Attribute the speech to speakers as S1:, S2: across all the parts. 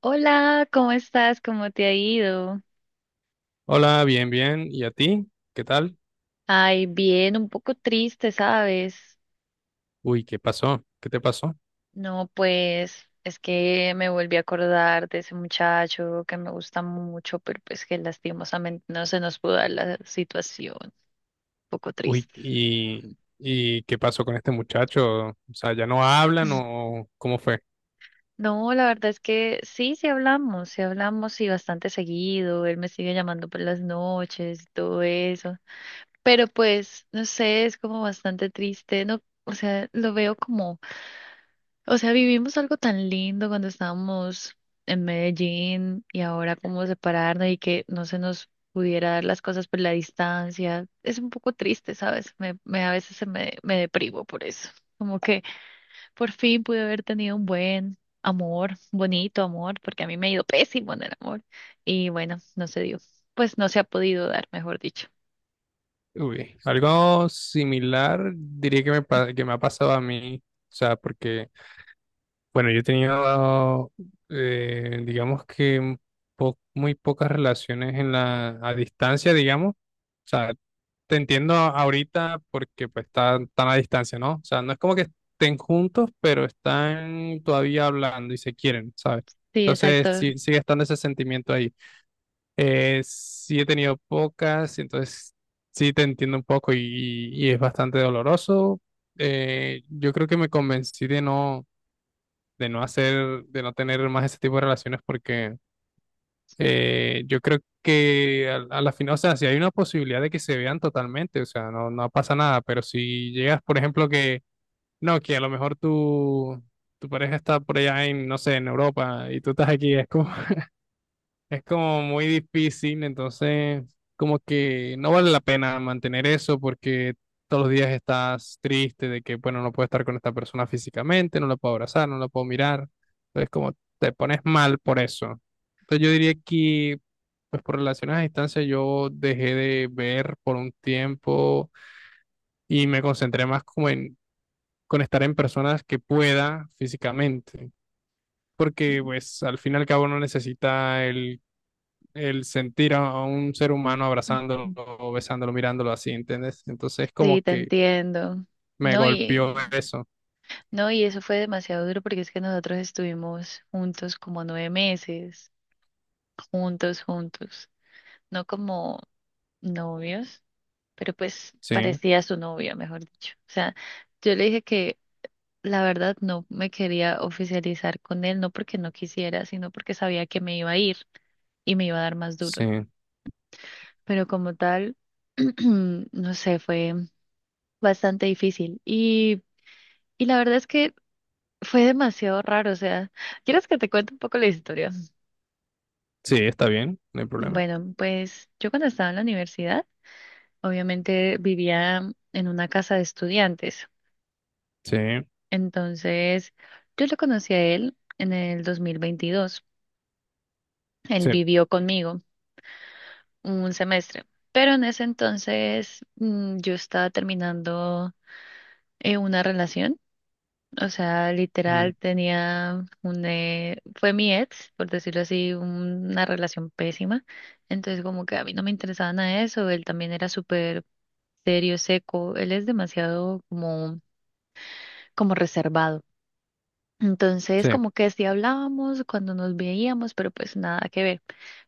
S1: Hola, ¿cómo estás? ¿Cómo te ha ido?
S2: Hola, bien, bien. ¿Y a ti? ¿Qué tal?
S1: Ay, bien, un poco triste, ¿sabes?
S2: Uy, ¿qué pasó? ¿Qué te pasó?
S1: No, pues es que me volví a acordar de ese muchacho que me gusta mucho, pero pues que lastimosamente no se nos pudo dar la situación. Un poco
S2: Uy,
S1: triste.
S2: ¿y qué pasó con este muchacho? O sea, ¿ya no hablan o cómo fue?
S1: No, la verdad es que sí, sí hablamos y bastante seguido. Él me sigue llamando por las noches y todo eso. Pero pues, no sé, es como bastante triste, ¿no? O sea, lo veo como. O sea, vivimos algo tan lindo cuando estábamos en Medellín y ahora cómo separarnos y que no se nos pudiera dar las cosas por la distancia. Es un poco triste, ¿sabes? A veces se me deprimo por eso. Como que por fin pude haber tenido un buen amor, bonito amor, porque a mí me ha ido pésimo en el amor. Y bueno, no se dio. Pues no se ha podido dar, mejor dicho.
S2: Uy, algo similar diría que que me ha pasado a mí. O sea, porque, bueno, yo he tenido, digamos que muy pocas relaciones en a distancia, digamos. O sea, te entiendo ahorita porque pues están tan a distancia, ¿no? O sea, no es como que estén juntos, pero están todavía hablando y se quieren, ¿sabes?
S1: Sí,
S2: Entonces
S1: exacto.
S2: sí, sigue estando ese sentimiento ahí. Sí he tenido pocas, entonces sí te entiendo un poco y es bastante doloroso. Yo creo que me convencí de no hacer, de no tener más ese tipo de relaciones porque yo creo que a la final, o sea, si hay una posibilidad de que se vean totalmente, o sea, no, no pasa nada, pero si llegas, por ejemplo, que no, que a lo mejor tu pareja está por allá en, no sé, en Europa y tú estás aquí, es como muy difícil, entonces como que no vale la pena mantener eso porque todos los días estás triste de que, bueno, no puedo estar con esta persona físicamente, no la puedo abrazar, no la puedo mirar. Entonces como te pones mal por eso. Entonces yo diría que, pues por relaciones a distancia, yo dejé de ver por un tiempo y me concentré más como en con estar en personas que pueda físicamente. Porque pues al fin y al cabo no necesita el sentir a un ser humano abrazándolo, besándolo, mirándolo así, ¿entiendes? Entonces como
S1: Sí, te
S2: que
S1: entiendo.
S2: me
S1: No.
S2: golpeó eso.
S1: No, y eso fue demasiado duro porque es que nosotros estuvimos juntos como 9 meses, juntos, juntos, no como novios, pero pues
S2: Sí,
S1: parecía su novia, mejor dicho. O sea, yo le dije que la verdad no me quería oficializar con él, no porque no quisiera, sino porque sabía que me iba a ir y me iba a dar más duro.
S2: sí,
S1: Pero como tal, no sé, fue bastante difícil. Y la verdad es que fue demasiado raro, o sea, ¿quieres que te cuente un poco la historia?
S2: sí, está bien, no hay problema.
S1: Bueno, pues yo cuando estaba en la universidad, obviamente vivía en una casa de estudiantes.
S2: Sí,
S1: Entonces, yo lo conocí a él en el 2022. Él
S2: sí,
S1: vivió conmigo un semestre, pero en ese entonces yo estaba terminando una relación. O sea,
S2: mm,
S1: literal tenía un... fue mi ex, por decirlo así, una relación pésima. Entonces como que a mí no me interesaba nada de eso. Él también era súper serio, seco. Él es demasiado como, como reservado. Entonces
S2: sí,
S1: como que sí hablábamos cuando nos veíamos, pero pues nada que ver.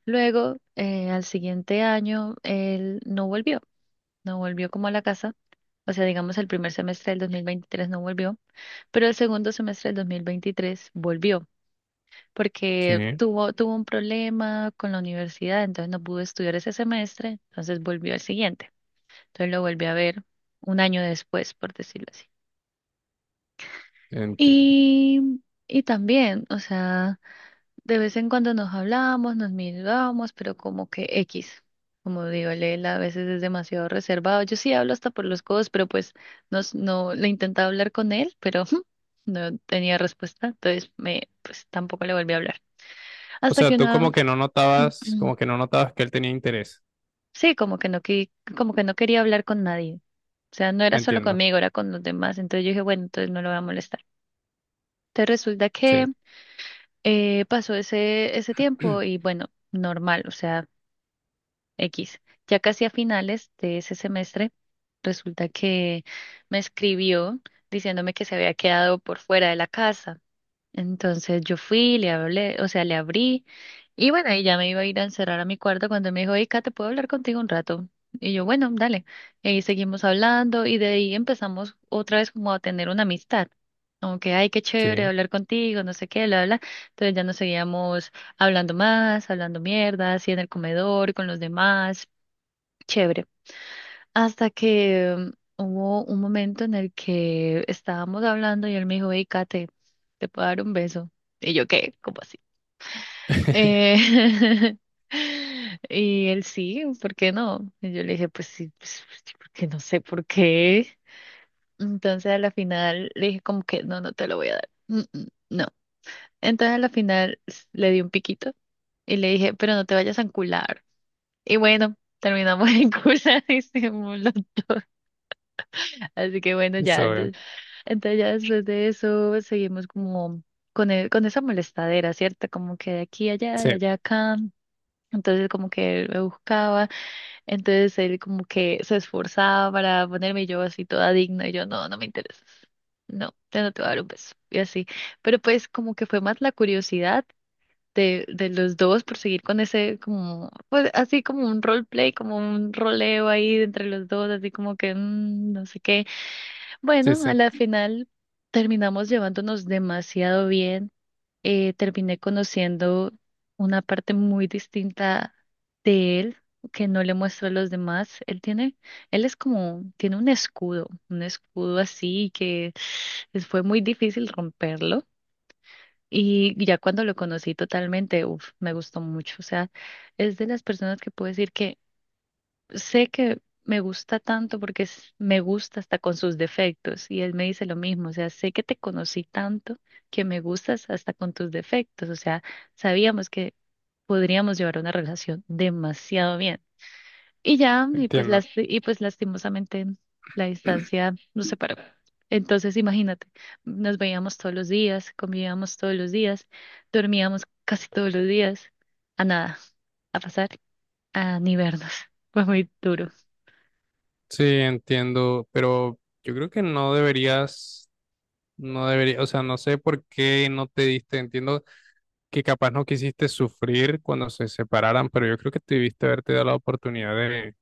S1: Luego, al siguiente año, él no volvió como a la casa. O sea, digamos, el primer semestre del 2023 no volvió, pero el segundo semestre del 2023 volvió, porque
S2: sí,
S1: tuvo un problema con la universidad, entonces no pudo estudiar ese semestre, entonces volvió al siguiente. Entonces lo volví a ver un año después, por decirlo así.
S2: entiendo.
S1: Y, y también, o sea... De vez en cuando nos hablábamos, nos mirábamos, pero como que X. Como digo, él a veces es demasiado reservado. Yo sí hablo hasta por los codos, pero pues no le intentaba hablar con él, pero no tenía respuesta. Entonces me, pues tampoco le volví a hablar.
S2: O
S1: Hasta
S2: sea,
S1: que
S2: tú como
S1: una,
S2: que no notabas, como que no notabas que él tenía interés,
S1: sí, como que como que no quería hablar con nadie. O sea, no era solo
S2: entiendo.
S1: conmigo, era con los demás. Entonces yo dije, bueno, entonces no lo voy a molestar. Entonces resulta que
S2: Sí,
S1: pasó ese tiempo y bueno, normal. O sea. X. Ya casi a finales de ese semestre, resulta que me escribió diciéndome que se había quedado por fuera de la casa. Entonces yo fui, le hablé, o sea, le abrí y bueno, y ya me iba a ir a encerrar a mi cuarto cuando me dijo, hey, Kate, ¿puedo hablar contigo un rato? Y yo, bueno, dale. Y ahí seguimos hablando y de ahí empezamos otra vez como a tener una amistad. Como que ay, qué chévere
S2: sí,
S1: hablar contigo, no sé qué, bla, bla, bla. Entonces ya nos seguíamos hablando más, hablando mierda, así en el comedor, con los demás. Chévere. Hasta que hubo un momento en el que estábamos hablando y él me dijo, hey, Kate, ¿te puedo dar un beso? Y yo, ¿qué? ¿Cómo así? Eh, y él sí, ¿por qué no? Y yo le dije, pues sí, pues sí, porque no sé por qué. Entonces a la final le dije como que no, no te lo voy a dar. Mm, mm, no. Entonces a la final le di un piquito y le dije, pero no te vayas a encular. Y bueno, terminamos en cular y así que bueno, ya,
S2: eso,
S1: entonces, entonces ya después de eso seguimos como con esa molestadera, ¿cierto? Como que de aquí a allá, de
S2: sí,
S1: allá a acá. Entonces como que él me buscaba, entonces él como que se esforzaba para ponerme y yo así toda digna y yo no, no me interesas. No, yo no te voy a dar un beso y así. Pero pues como que fue más la curiosidad de los dos por seguir con ese como, pues así como un roleplay, como un roleo ahí entre los dos, así como que no sé qué.
S2: sí,
S1: Bueno, a
S2: sí,
S1: la final terminamos llevándonos demasiado bien. Terminé conociendo una parte muy distinta de él que no le muestro a los demás. Él es como, tiene un escudo así que fue muy difícil romperlo. Y ya cuando lo conocí totalmente, uf, me gustó mucho. O sea, es de las personas que puedo decir que sé que me gusta tanto porque me gusta hasta con sus defectos y él me dice lo mismo, o sea, sé que te conocí tanto que me gustas hasta con tus defectos, o sea, sabíamos que podríamos llevar una relación demasiado bien. Y ya, y pues,
S2: entiendo.
S1: y pues lastimosamente la distancia nos separó. Entonces, imagínate, nos veíamos todos los días, convivíamos todos los días, dormíamos casi todos los días, a nada, a pasar, a ni vernos. Fue muy duro.
S2: Sí, entiendo, pero yo creo que no deberías, no debería, o sea, no sé por qué no te diste, entiendo que capaz no quisiste sufrir cuando se separaran, pero yo creo que debiste haberte dado la oportunidad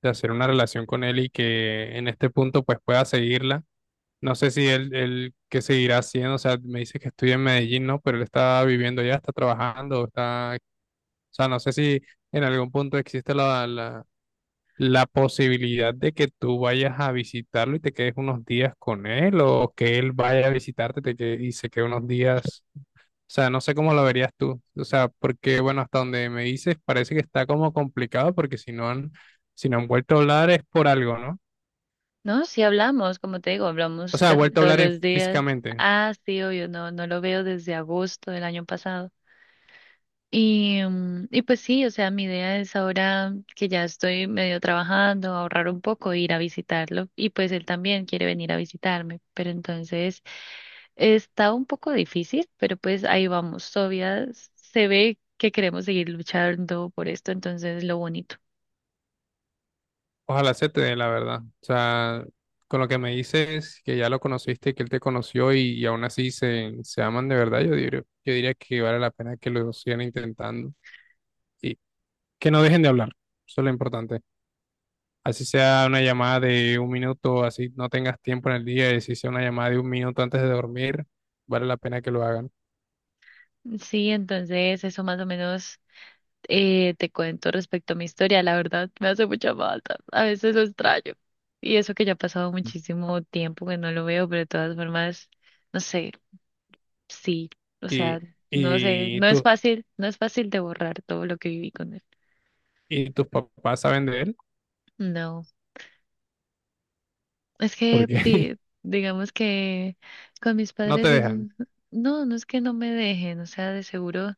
S2: de hacer una relación con él y que en este punto pues pueda seguirla. No sé si él qué seguirá haciendo, o sea, me dice que estudia en Medellín, ¿no? Pero él está viviendo allá está trabajando, está, o sea, no sé si en algún punto existe la posibilidad de que tú vayas a visitarlo y te quedes unos días con él, o que él vaya a y se quede unos días, o sea, no sé cómo lo verías tú, o sea, porque, bueno, hasta donde me dices parece que está como complicado, porque si no han vuelto a hablar es por algo, ¿no?
S1: No, sí hablamos, como te digo,
S2: O
S1: hablamos
S2: sea,
S1: casi
S2: vuelto a
S1: todos
S2: hablar en-
S1: los días.
S2: físicamente.
S1: Ah, sí, obvio, no, no lo veo desde agosto del año pasado. Y, y pues sí, o sea, mi idea es ahora que ya estoy medio trabajando, ahorrar un poco, ir a visitarlo. Y pues él también quiere venir a visitarme, pero entonces está un poco difícil, pero pues ahí vamos. Todavía se ve que queremos seguir luchando por esto, entonces lo bonito.
S2: Ojalá se te dé la verdad. O sea, con lo que me dices, que ya lo conociste, que él te conoció y aún así se aman de verdad, yo diría que vale la pena que lo sigan intentando y que no dejen de hablar. Eso es lo importante. Así sea una llamada de 1 minuto, así no tengas tiempo en el día, y si sea una llamada de 1 minuto antes de dormir, vale la pena que lo hagan.
S1: Sí, entonces eso más o menos te cuento respecto a mi historia, la verdad me hace mucha falta, a veces lo extraño. Y eso que ya ha pasado muchísimo tiempo que no lo veo, pero de todas formas, no sé, sí, o sea,
S2: Y,
S1: no sé,
S2: y,
S1: no es
S2: tu-
S1: fácil, no es fácil de borrar todo lo que viví con él.
S2: y tus papás saben de él
S1: No. Es que
S2: porque
S1: digamos que con mis
S2: no te
S1: padres es
S2: dejan.
S1: no, no es que no me dejen, o sea, de seguro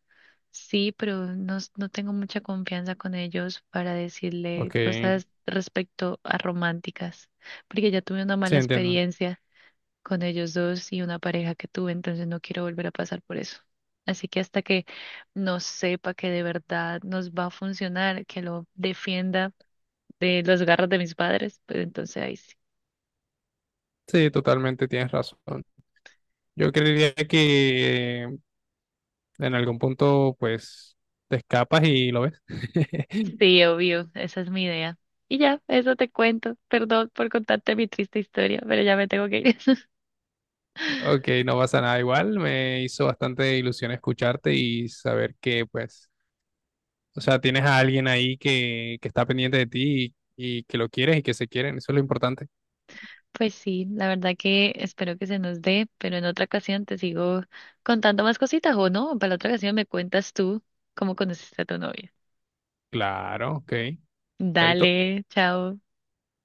S1: sí, pero no, no tengo mucha confianza con ellos para decirle
S2: Ok,
S1: cosas respecto a románticas, porque ya tuve una
S2: sí,
S1: mala
S2: entiendo.
S1: experiencia con ellos dos y una pareja que tuve, entonces no quiero volver a pasar por eso. Así que hasta que no sepa que de verdad nos va a funcionar, que lo defienda de los garras de mis padres, pues entonces ahí sí.
S2: Sí, totalmente tienes razón. Yo creería que en algún punto, pues, te escapas y lo ves.
S1: Sí, obvio, esa es mi idea. Y ya, eso te cuento. Perdón por contarte mi triste historia, pero ya me tengo que ir.
S2: Ok, no pasa nada igual. Me hizo bastante ilusión escucharte y saber que, pues, o sea, tienes a alguien ahí que está pendiente de ti y que lo quieres y que se quieren. Eso es lo importante.
S1: Pues sí, la verdad que espero que se nos dé, pero en otra ocasión te sigo contando más cositas o no, para la otra ocasión me cuentas tú cómo conociste a tu novia.
S2: Claro, ok. Chaito.
S1: Dale, chao.